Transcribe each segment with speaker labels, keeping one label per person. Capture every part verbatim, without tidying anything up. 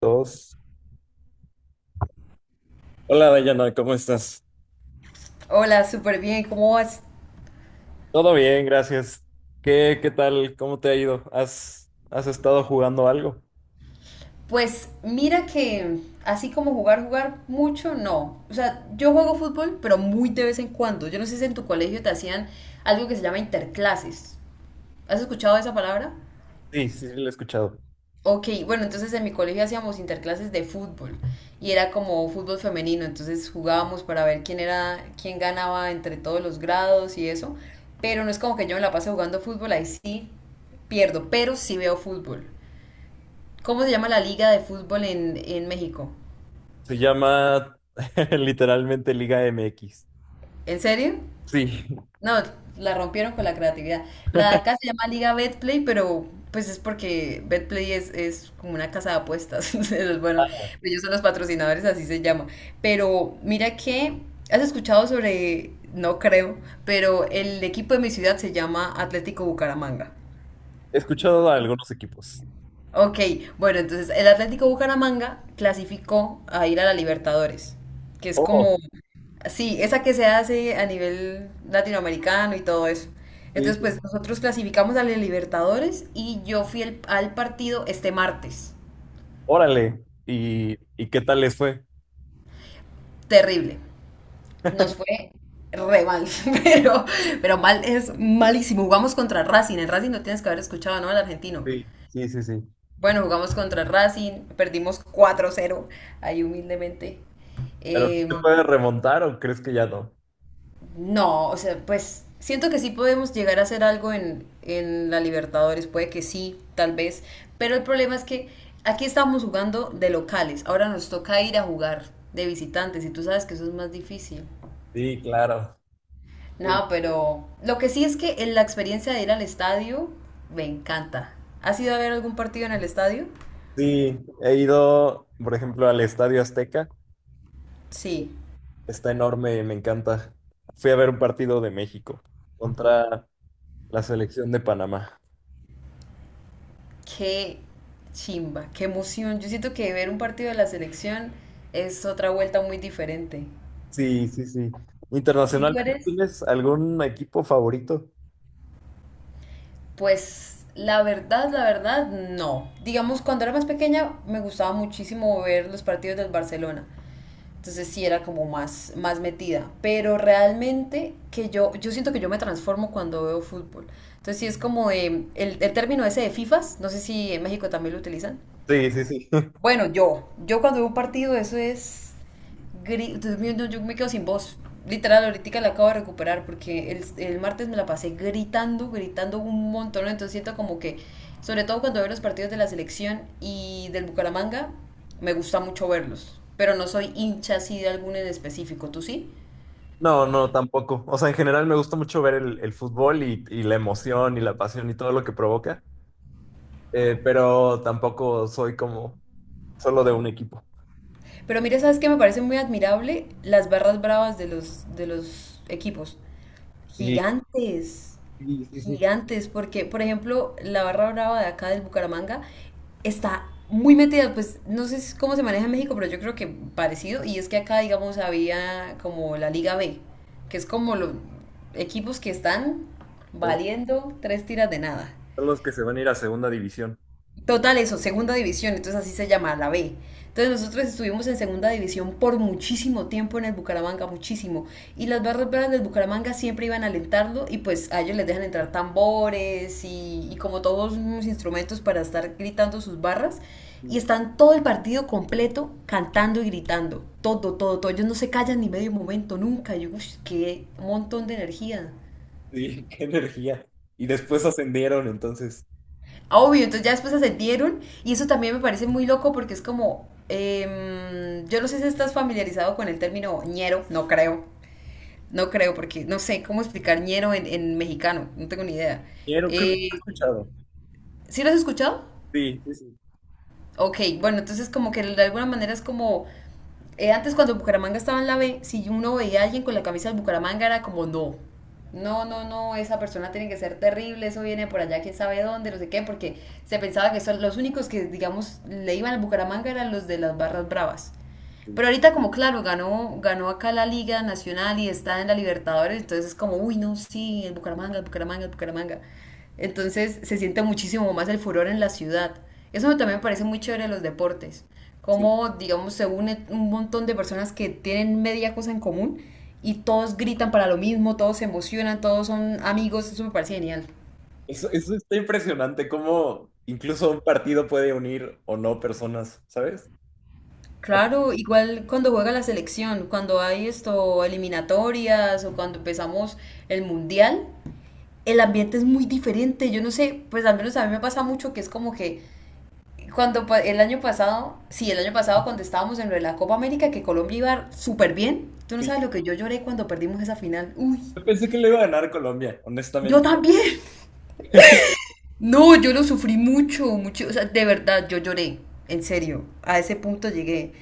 Speaker 1: Dos. Hola Dayana, ¿cómo estás?
Speaker 2: Hola, súper bien, ¿cómo vas?
Speaker 1: Todo bien, gracias. ¿Qué, qué tal? ¿Cómo te ha ido? ¿Has, has estado jugando algo?
Speaker 2: Pues mira que así como jugar, jugar mucho, no. O sea, yo juego fútbol, pero muy de vez en cuando. Yo no sé si en tu colegio te hacían algo que se llama interclases. ¿Has escuchado esa palabra?
Speaker 1: Sí, sí, lo he escuchado.
Speaker 2: Ok, bueno, entonces en mi colegio hacíamos interclases de fútbol y era como fútbol femenino, entonces jugábamos para ver quién era, quién ganaba entre todos los grados y eso, pero no es como que yo me la pase jugando fútbol, ahí sí pierdo, pero sí veo fútbol. ¿Cómo se llama la liga de fútbol en, en México?
Speaker 1: Se llama literalmente Liga M X.
Speaker 2: ¿En serio?
Speaker 1: Sí.
Speaker 2: No, la rompieron con la creatividad. La de acá se llama Liga Betplay, pero pues es porque Betplay es, es como una casa de apuestas. Entonces, bueno, pues, ellos son los patrocinadores, así se llama. Pero mira que, ¿has escuchado sobre, no creo, pero el equipo de mi ciudad se llama Atlético Bucaramanga?
Speaker 1: He escuchado a algunos equipos.
Speaker 2: Ok, bueno, entonces el Atlético Bucaramanga clasificó a ir a la Libertadores, que es
Speaker 1: Oh,
Speaker 2: como, sí, esa que se hace a nivel latinoamericano y todo eso.
Speaker 1: sí,
Speaker 2: Entonces,
Speaker 1: sí.
Speaker 2: pues nosotros clasificamos a la Libertadores y yo fui el- al partido este martes.
Speaker 1: Órale. ¿Y, y qué tal les fue?
Speaker 2: Terrible. Nos fue re mal, pero, pero, mal es malísimo. Jugamos contra Racing. En Racing no tienes que haber escuchado, ¿no? El argentino.
Speaker 1: Sí, sí, sí, sí.
Speaker 2: Bueno, jugamos contra Racing, perdimos cuatro cero, ahí humildemente.
Speaker 1: ¿Pero sí se
Speaker 2: Eh,
Speaker 1: puede remontar o crees que ya no?
Speaker 2: no, o sea, pues siento que sí podemos llegar a hacer algo en, en la Libertadores, puede que sí, tal vez, pero el problema es que aquí estamos jugando de locales, ahora nos toca ir a jugar de visitantes y tú sabes que eso es más difícil.
Speaker 1: Sí, claro. Uy,
Speaker 2: No, pero lo que sí es que en la experiencia de ir al estadio me encanta. ¿Has ido a ver algún partido en el estadio?
Speaker 1: sí, he ido, por ejemplo, al Estadio Azteca.
Speaker 2: Sí.
Speaker 1: Está enorme, me encanta. Fui a ver un partido de México contra la selección de Panamá.
Speaker 2: Qué chimba, qué emoción. Yo siento que ver un partido de la selección es otra vuelta muy diferente.
Speaker 1: Sí, sí, sí.
Speaker 2: ¿Y tú
Speaker 1: Internacionalmente,
Speaker 2: eres?
Speaker 1: ¿tienes algún equipo favorito?
Speaker 2: Pues la verdad, la verdad, no. Digamos, cuando era más pequeña me gustaba muchísimo ver los partidos del Barcelona. Entonces sí era como más, más metida. Pero realmente que yo, yo, siento que yo me transformo cuando veo fútbol. Entonces sí es como eh, el, el término ese de FIFAs, no sé si en México también lo utilizan.
Speaker 1: Sí, sí, sí.
Speaker 2: Bueno, yo, yo cuando veo un partido, eso es. gri- Dios mío, no, yo me quedo sin voz. Literal, ahorita la acabo de recuperar porque el, el martes me la pasé gritando, gritando un montón. Entonces siento como que, sobre todo cuando veo los partidos de la selección y del Bucaramanga, me gusta mucho verlos. Pero no soy hincha así de alguno en específico, ¿tú sí?
Speaker 1: No, no, tampoco. O sea, en general me gusta mucho ver el, el fútbol y, y la emoción y la pasión y todo lo que provoca. Eh, pero tampoco soy como solo de un equipo.
Speaker 2: Pero mira, ¿sabes qué? Me parece muy admirable las barras bravas de los, de los equipos.
Speaker 1: Sí,
Speaker 2: Gigantes,
Speaker 1: sí, sí, sí.
Speaker 2: gigantes, porque por ejemplo la barra brava de acá del Bucaramanga está muy metida, pues no sé si- cómo se maneja en México, pero yo creo que parecido, y es que acá digamos había como la Liga be, que es como los equipos que están
Speaker 1: Son
Speaker 2: valiendo tres tiras de nada.
Speaker 1: los que se van a ir a segunda división.
Speaker 2: Total, eso, segunda división, entonces así se llama, la be. Entonces nosotros estuvimos en segunda división por muchísimo tiempo en el Bucaramanga, muchísimo. Y las barras bravas del Bucaramanga siempre iban a alentarlo y pues a ellos les dejan entrar tambores y, y como todos unos instrumentos para estar gritando sus barras. Y
Speaker 1: Sí,
Speaker 2: están todo el partido completo cantando y gritando. Todo, todo, todo. Ellos no se callan ni medio momento, nunca. Yo, uff, qué montón de energía.
Speaker 1: qué energía. Y después ascendieron, entonces.
Speaker 2: Obvio, entonces ya después ascendieron y eso también me parece muy loco porque es como, em, yo no sé si estás familiarizado con el término ñero, no creo, no creo porque no sé cómo explicar ñero en, en mexicano, no tengo ni idea.
Speaker 1: Quiero, creo que lo he
Speaker 2: Eh,
Speaker 1: escuchado.
Speaker 2: ¿sí lo has escuchado?
Speaker 1: Sí, sí, sí,
Speaker 2: Ok, bueno, entonces como que de alguna manera es como, eh, antes cuando Bucaramanga estaba en la be, si uno veía a alguien con la camisa del Bucaramanga era como no. No, no, no, esa persona tiene que ser terrible, eso viene por allá, quién sabe dónde, no sé qué, porque se pensaba que son los únicos que, digamos, le iban al Bucaramanga eran los de las barras bravas.
Speaker 1: sí,
Speaker 2: Pero ahorita como claro, ganó, ganó acá la Liga Nacional y está en la Libertadores, entonces es como, uy, no, sí, el Bucaramanga, el Bucaramanga, el Bucaramanga. Entonces se siente muchísimo más el furor en la ciudad. Eso me- también me parece muy chévere de los deportes.
Speaker 1: sí.
Speaker 2: Cómo, digamos, se une un montón de personas que tienen media cosa en común y todos gritan para lo mismo, todos se emocionan, todos son amigos, eso me parece genial.
Speaker 1: Eso, eso está impresionante, cómo incluso un partido puede unir o no personas, ¿sabes? Ah,
Speaker 2: Claro, igual cuando juega la selección, cuando hay esto, eliminatorias o cuando empezamos el mundial, el ambiente es muy diferente. Yo no sé, pues al menos a mí me pasa mucho que es como que cuando pa- el año pasado, sí, el año pasado cuando estábamos en lo de la Copa América, que Colombia iba súper bien, tú no
Speaker 1: sí.
Speaker 2: sabes lo que yo lloré cuando perdimos esa final. Uy,
Speaker 1: Yo pensé que le iba a ganar Colombia,
Speaker 2: yo
Speaker 1: honestamente.
Speaker 2: también. No, yo lo sufrí mucho, mucho, o sea, de verdad, yo lloré, en serio, a ese punto llegué.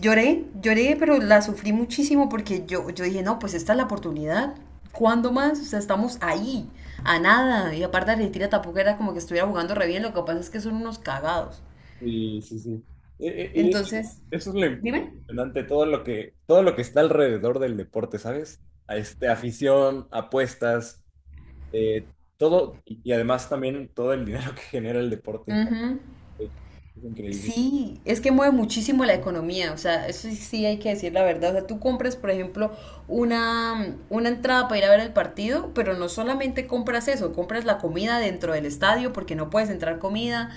Speaker 2: Lloré, lloré, pero la sufrí muchísimo porque yo, yo, dije, no, pues esta es la oportunidad. ¿Cuándo más? O sea, estamos ahí, a nada. Y aparte Argentina tampoco era como que estuviera jugando re bien, lo que pasa es que son unos cagados.
Speaker 1: Sí, sí, sí. E- e- Y
Speaker 2: Entonces,
Speaker 1: eso es lo
Speaker 2: dime.
Speaker 1: impresionante, todo lo que, todo lo que está alrededor del deporte, ¿sabes? A este, afición, apuestas, eh, todo, y y además también todo el dinero que genera el deporte. Eh, Es increíble.
Speaker 2: Sí, es que mueve muchísimo la economía, o sea, eso sí, sí hay que decir la verdad. O sea, tú compras, por ejemplo, una, una entrada para ir a ver el partido, pero no solamente compras eso, compras la comida dentro del estadio porque no puedes entrar comida,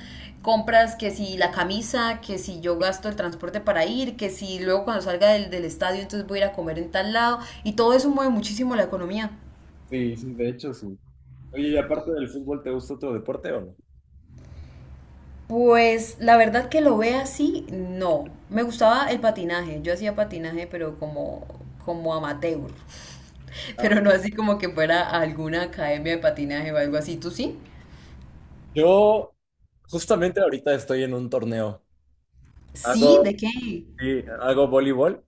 Speaker 2: compras que si la camisa, que si yo gasto el transporte para ir, que si luego cuando salga del, del estadio entonces voy a ir a comer en tal lado, y todo eso mueve muchísimo la economía.
Speaker 1: Sí, sí, de hecho, sí. Oye, y aparte del fútbol, ¿te gusta otro deporte o no?
Speaker 2: Pues la verdad que lo ve así, no. Me gustaba el patinaje. Yo hacía patinaje, pero como, como amateur. Pero no así como que fuera a alguna academia de patinaje o algo así. ¿Tú sí?
Speaker 1: Yo justamente ahorita estoy en un torneo. Hago,
Speaker 2: Sí, ¿de qué?
Speaker 1: sí, hago voleibol,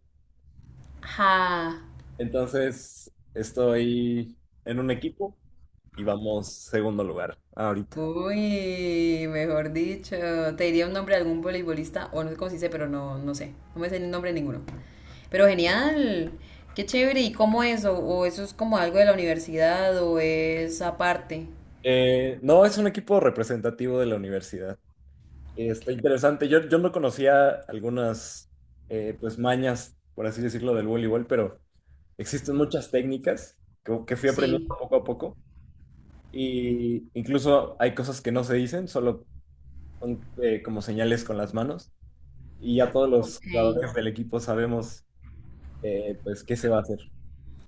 Speaker 2: Ja.
Speaker 1: entonces estoy en un equipo y vamos segundo lugar ahorita.
Speaker 2: Uy, mejor dicho. Te diría un nombre de algún voleibolista, o no sé cómo se dice, pero no, no sé. No me sé el nombre de ninguno. Pero genial. Qué chévere. ¿Y cómo es? ¿O, o eso es como algo de la universidad o es aparte?
Speaker 1: Eh, no, es un equipo representativo de la universidad. Eh, Está interesante. Yo, yo no conocía algunas eh, pues mañas, por así decirlo, del voleibol, pero existen muchas técnicas que, que fui aprendiendo
Speaker 2: Sí.
Speaker 1: poco a poco. Y incluso hay cosas que no se dicen, solo son eh, como señales con las manos. Y ya todos los
Speaker 2: Ok.
Speaker 1: jugadores del equipo sabemos, eh, pues, qué se va a hacer.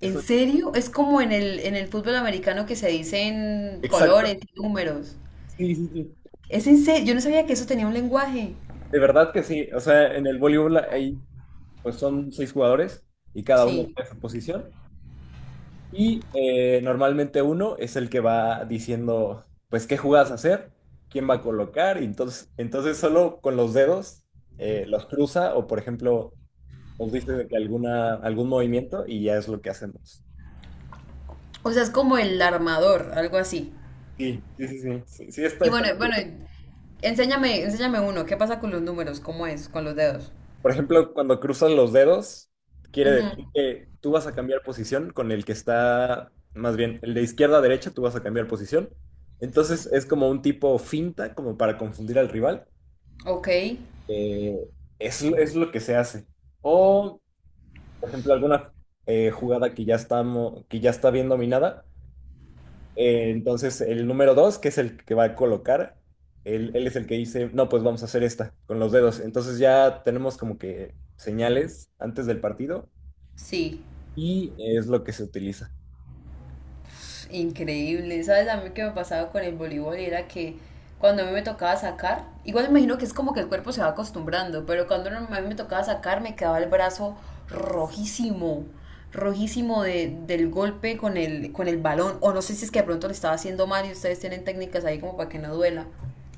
Speaker 2: ¿En serio? Es como en el, en el fútbol americano que se dicen
Speaker 1: exacto.
Speaker 2: colores y números.
Speaker 1: Sí, sí, sí.
Speaker 2: Es en serio, yo no sabía que eso tenía un lenguaje.
Speaker 1: De verdad que sí. O sea, en el voleibol hay, pues, son seis jugadores y cada uno
Speaker 2: Sí.
Speaker 1: tiene su posición. Y eh, normalmente uno es el que va diciendo, pues, qué jugadas hacer, quién va a colocar. Y entonces, entonces solo con los dedos eh, los cruza o, por ejemplo nos diste de que alguna, algún movimiento y ya es lo que hacemos.
Speaker 2: O sea, es como el armador, algo así.
Speaker 1: Sí, sí, sí, sí. Sí, sí, está-
Speaker 2: Y
Speaker 1: está.
Speaker 2: bueno, bueno, enséñame, enséñame uno. ¿Qué pasa con los números? ¿Cómo es? Con los dedos.
Speaker 1: Por ejemplo, cuando cruzan los dedos, quiere
Speaker 2: Ujú.
Speaker 1: decir que tú vas a cambiar posición con el que está, más bien, el de izquierda a derecha, tú vas a cambiar posición. Entonces es como un tipo finta, como para confundir al rival.
Speaker 2: Ok,
Speaker 1: Eh, es, es lo que se hace. O, por ejemplo, alguna eh, jugada que ya estamos, que ya está bien dominada. Eh, entonces, el número dos, que es el que va a colocar, él, él es el que dice, no, pues vamos a hacer esta con los dedos. Entonces ya tenemos como que señales antes del partido
Speaker 2: sí.
Speaker 1: y es lo que se utiliza.
Speaker 2: Increíble, ¿sabes? A mí que me pasaba con el voleibol era que cuando a mí me tocaba sacar, igual me imagino que es como que el cuerpo se va acostumbrando, pero cuando no, a mí me tocaba sacar me quedaba el brazo rojísimo, rojísimo de, del golpe con el, con el balón, o no sé si es que de pronto lo estaba haciendo mal y ustedes tienen técnicas ahí como para que no duela.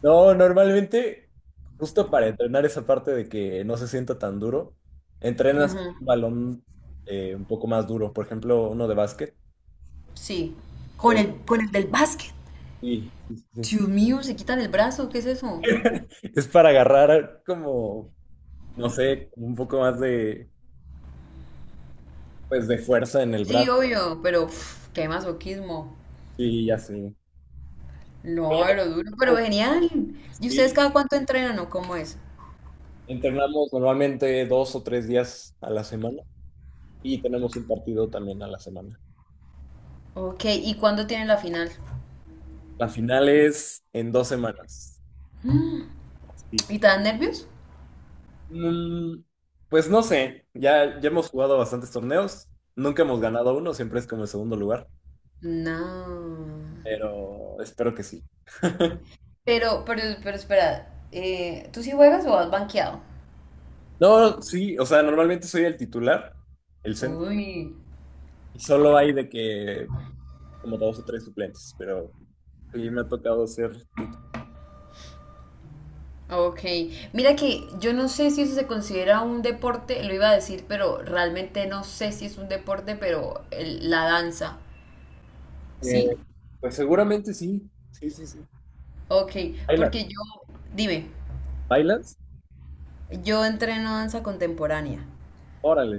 Speaker 1: No, normalmente, justo para entrenar esa parte de que no se sienta tan duro, entrenas
Speaker 2: Ujú,
Speaker 1: un balón eh, un poco más duro, por ejemplo, uno de básquet.
Speaker 2: sí, con
Speaker 1: Eh,
Speaker 2: el, con el del básquet.
Speaker 1: sí, sí, sí.
Speaker 2: Dios
Speaker 1: Sí.
Speaker 2: mío, se quitan el brazo, ¿qué es eso?
Speaker 1: Es para agarrar como, no sé, un poco más de, pues, de fuerza en el
Speaker 2: Sí,
Speaker 1: brazo.
Speaker 2: obvio, pero pf, qué masoquismo.
Speaker 1: Sí, ya sé.
Speaker 2: No, pero duro, pero
Speaker 1: Oh,
Speaker 2: genial. ¿Y ustedes
Speaker 1: sí,
Speaker 2: cada cuánto entrenan o cómo es?
Speaker 1: entrenamos normalmente dos o tres días a la semana y tenemos un partido también a la semana.
Speaker 2: Ok, ¿y cuándo tienen la final?
Speaker 1: La final es en dos semanas. Sí.
Speaker 2: ¿Y te dan nervios?
Speaker 1: Mm, pues no sé, ya, ya hemos jugado bastantes torneos, nunca hemos ganado uno, siempre es como el segundo lugar,
Speaker 2: No.
Speaker 1: pero espero que sí.
Speaker 2: Pero, pero, pero espera, eh, ¿tú sí juegas o has banqueado?
Speaker 1: No, sí, o sea, normalmente soy el titular, el centro,
Speaker 2: Uy.
Speaker 1: y solo hay de que como dos o tres suplentes, pero sí me ha tocado ser titular.
Speaker 2: Ok, mira que yo no sé si eso se considera un deporte, lo iba a decir, pero realmente no sé si es un deporte, pero el- la danza,
Speaker 1: Eh,
Speaker 2: ¿sí?
Speaker 1: pues seguramente sí, sí, sí, sí.
Speaker 2: Ok,
Speaker 1: ¿Bailas?
Speaker 2: porque yo, dime,
Speaker 1: ¿Bailas?
Speaker 2: yo entreno danza contemporánea.
Speaker 1: Órale.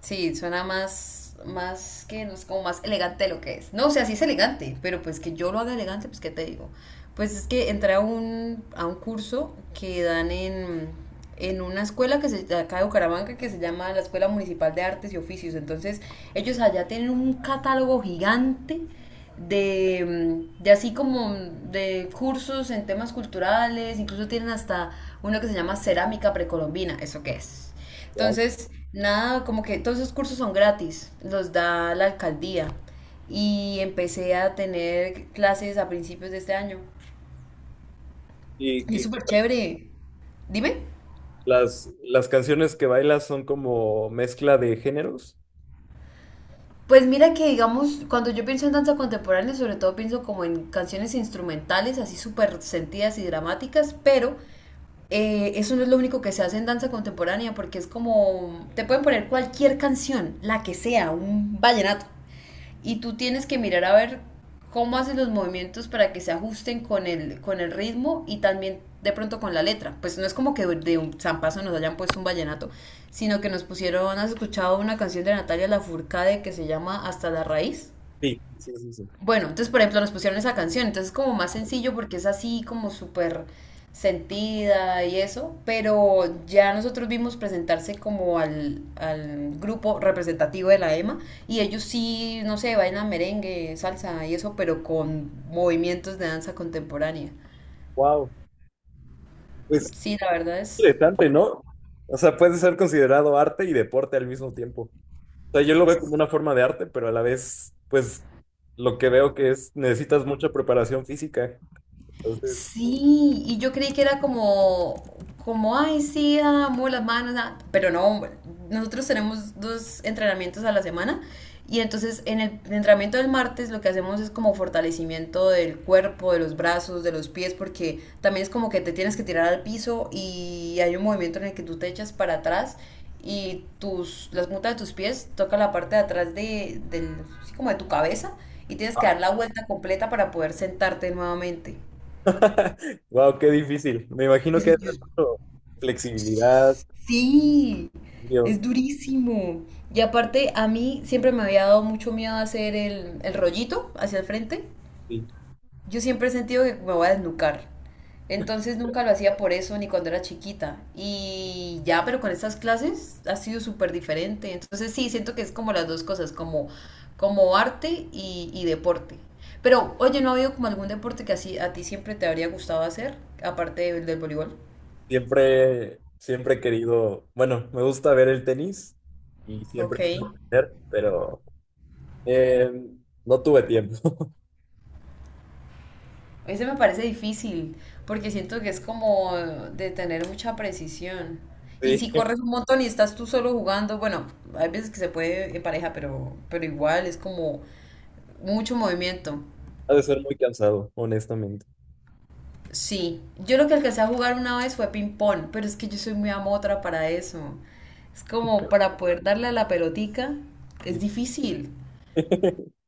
Speaker 2: Sí, suena más, más que, no es como más elegante de lo que es. No, o sea, sí es elegante, pero pues que yo lo haga elegante, pues qué te digo. Pues es que entré a un, a un curso que dan en, en, una escuela que se, de acá de Bucaramanga que se llama la Escuela Municipal de Artes y Oficios. Entonces, ellos allá tienen un catálogo gigante de, mm, de así como mm, de cursos en temas culturales, incluso tienen hasta uno que se llama cerámica precolombina, ¿eso qué es?
Speaker 1: Wow.
Speaker 2: Entonces, nada, como que todos esos cursos son gratis, los da la alcaldía. Y empecé a tener clases a principios de este año.
Speaker 1: ¿Y
Speaker 2: Y es
Speaker 1: que
Speaker 2: súper chévere. Dime.
Speaker 1: las, las canciones que bailas son como mezcla de géneros?
Speaker 2: Pues mira que, digamos, cuando yo pienso en danza contemporánea, sobre todo pienso como en canciones instrumentales, así súper sentidas y dramáticas, pero eh, eso no es lo único que se hace en danza contemporánea, porque es como, te pueden poner cualquier canción, la que sea, un vallenato, y tú tienes que mirar a ver cómo haces los movimientos para que se ajusten con el, con el ritmo y también de pronto con la letra. Pues no es como que de un zampazo nos hayan puesto un vallenato, sino que nos pusieron, ¿has escuchado una canción de Natalia Lafourcade que se llama Hasta la raíz?
Speaker 1: Sí, sí, sí, sí.
Speaker 2: Bueno, entonces, por ejemplo, nos pusieron esa canción, entonces es como más sencillo porque es así como súper sentida y eso, pero ya nosotros vimos presentarse como al, al grupo representativo de la EMA, y ellos sí, no sé, bailan merengue, salsa y eso, pero con movimientos de danza contemporánea.
Speaker 1: Wow. Pues
Speaker 2: Sí, la verdad es
Speaker 1: interesante, ¿no? O sea, puede ser considerado arte y deporte al mismo tiempo. O sea, yo lo veo como una forma de arte, pero a la vez, pues lo que veo que es, necesitas mucha preparación física. Entonces,
Speaker 2: sí, y yo creí que era como, como, "ay, sí, amo las manos, ah", pero no, nosotros tenemos dos entrenamientos a la semana y entonces en el entrenamiento del martes lo que hacemos es como fortalecimiento del cuerpo, de los brazos, de los pies, porque también es como que te tienes que tirar al piso y hay un movimiento en el que tú te echas para atrás y tus, las puntas de tus pies tocan la parte de atrás de, del, así como de tu cabeza, y tienes que dar la vuelta completa para poder sentarte nuevamente.
Speaker 1: wow, qué difícil. Me imagino
Speaker 2: Eso
Speaker 1: que hay
Speaker 2: yo-
Speaker 1: mucho flexibilidad.
Speaker 2: sí, es durísimo. Y aparte, a mí siempre me había dado mucho miedo hacer el, el rollito hacia el frente.
Speaker 1: Sí.
Speaker 2: Yo siempre he sentido que me voy a desnucar. Entonces nunca lo hacía por eso, ni cuando era chiquita. Y ya, pero con estas clases ha sido súper diferente. Entonces sí, siento que es como las dos cosas, como, como arte y, y deporte. Pero, oye, ¿no ha habido como algún deporte que así a ti siempre te habría gustado hacer, aparte del, del voleibol?
Speaker 1: Siempre, siempre he querido, bueno, me gusta ver el tenis y
Speaker 2: Ok.
Speaker 1: siempre quise aprender, pero eh, no tuve tiempo.
Speaker 2: Ese me parece difícil, porque siento que es como de tener mucha precisión. Y
Speaker 1: Sí,
Speaker 2: si corres un montón y estás tú solo jugando, bueno, hay veces que se puede en pareja, pero, pero igual es como mucho movimiento.
Speaker 1: ha de ser muy cansado, honestamente.
Speaker 2: Sí, yo lo que alcancé a jugar una vez fue ping-pong, pero es que yo soy muy amotra para eso. Es como para poder darle a la pelotica,
Speaker 1: Sí.
Speaker 2: es difícil.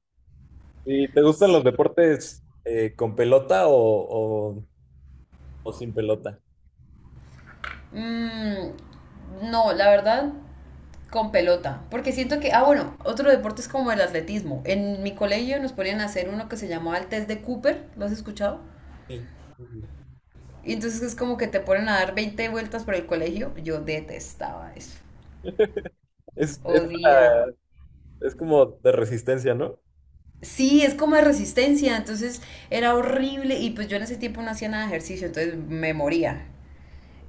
Speaker 1: Sí, ¿te gustan los deportes eh, con pelota o, o- o sin pelota?
Speaker 2: Mm, no, la verdad, con pelota. Porque siento que, ah, bueno, otro deporte es como el atletismo. En mi colegio nos ponían a hacer uno que se llamaba el test de Cooper. ¿Lo has escuchado?
Speaker 1: Sí.
Speaker 2: Y entonces es como que te ponen a dar veinte vueltas por el colegio. Yo detestaba eso.
Speaker 1: Es, es,
Speaker 2: Odiaba.
Speaker 1: la- es como de resistencia, ¿no?
Speaker 2: Sí, es como de resistencia, entonces era horrible y pues yo en ese tiempo no hacía nada de ejercicio, entonces me moría.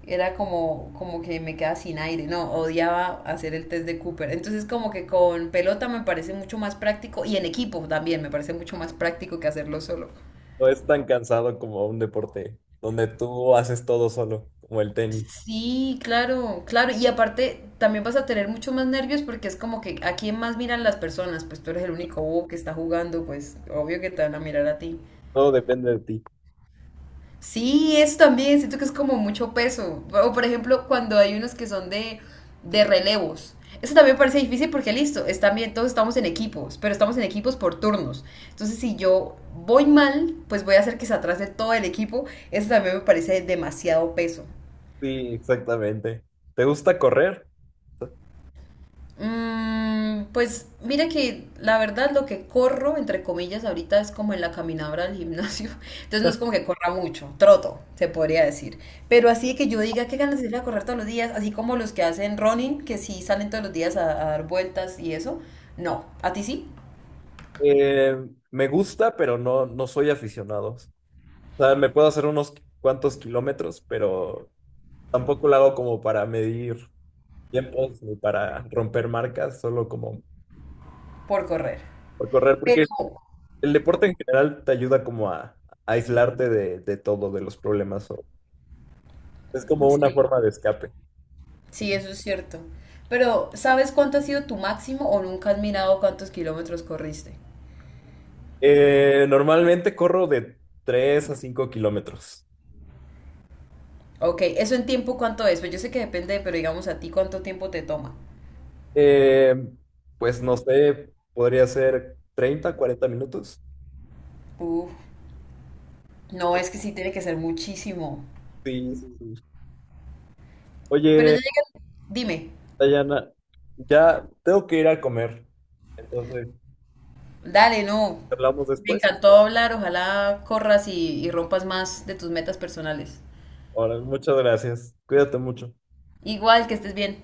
Speaker 2: Era como, como que me quedaba sin aire, no, odiaba hacer el test de Cooper. Entonces como que con pelota me parece mucho más práctico y en equipo también me parece mucho más práctico que hacerlo solo.
Speaker 1: No es tan cansado como un deporte donde tú haces todo solo, como el tenis.
Speaker 2: Sí, claro, claro. Y aparte también vas a tener mucho más nervios porque es como que a quién más miran las personas, pues tú eres el único bobo que está jugando, pues obvio que te van a mirar a ti.
Speaker 1: Todo depende de ti.
Speaker 2: Sí, eso también, siento que es como mucho peso. O por ejemplo, cuando hay unos que son de, de relevos. Eso también me parece difícil porque listo, es también todos estamos en equipos, pero estamos en equipos por turnos. Entonces, si yo voy mal, pues voy a hacer que se atrase todo el equipo. Eso también me parece demasiado peso.
Speaker 1: Sí, exactamente. ¿Te gusta correr?
Speaker 2: Mm, pues mira que la verdad lo que corro, entre comillas, ahorita es como en la caminadora del gimnasio. Entonces no es como que corra mucho, troto, se podría decir. Pero así que yo diga qué ganas de ir a correr todos los días, así como los que hacen running, que sí salen todos los días a, a dar vueltas y eso. No, a ti sí,
Speaker 1: Eh, me gusta, pero no, no soy aficionado. O sea, me puedo hacer unos cuantos kilómetros, pero tampoco lo hago como para medir tiempos ni para romper marcas, solo como
Speaker 2: por correr.
Speaker 1: por correr,
Speaker 2: Pero
Speaker 1: porque el deporte en general te ayuda como a, a aislarte de, de todo, de los problemas. o- Es como una
Speaker 2: sí,
Speaker 1: forma de escape.
Speaker 2: sí, eso es cierto. Pero ¿sabes cuánto ha sido tu máximo o nunca has mirado cuántos kilómetros corriste?
Speaker 1: Eh, normalmente corro de tres a cinco kilómetros.
Speaker 2: Ok, ¿eso en tiempo cuánto es? Pues yo sé que depende, pero digamos a ti cuánto tiempo te toma.
Speaker 1: Eh, pues no sé, podría ser treinta, cuarenta minutos.
Speaker 2: Uf, no, es que sí tiene que ser muchísimo.
Speaker 1: Sí, sí, sí.
Speaker 2: Pero ya
Speaker 1: Oye,
Speaker 2: llega, dime,
Speaker 1: Dayana, ya tengo que ir a comer. Entonces,
Speaker 2: dale, no.
Speaker 1: hablamos
Speaker 2: Me
Speaker 1: después.
Speaker 2: encantó hablar, ojalá corras y, y rompas más de tus metas personales.
Speaker 1: Ahora, muchas gracias. Cuídate mucho.
Speaker 2: Igual, que estés bien.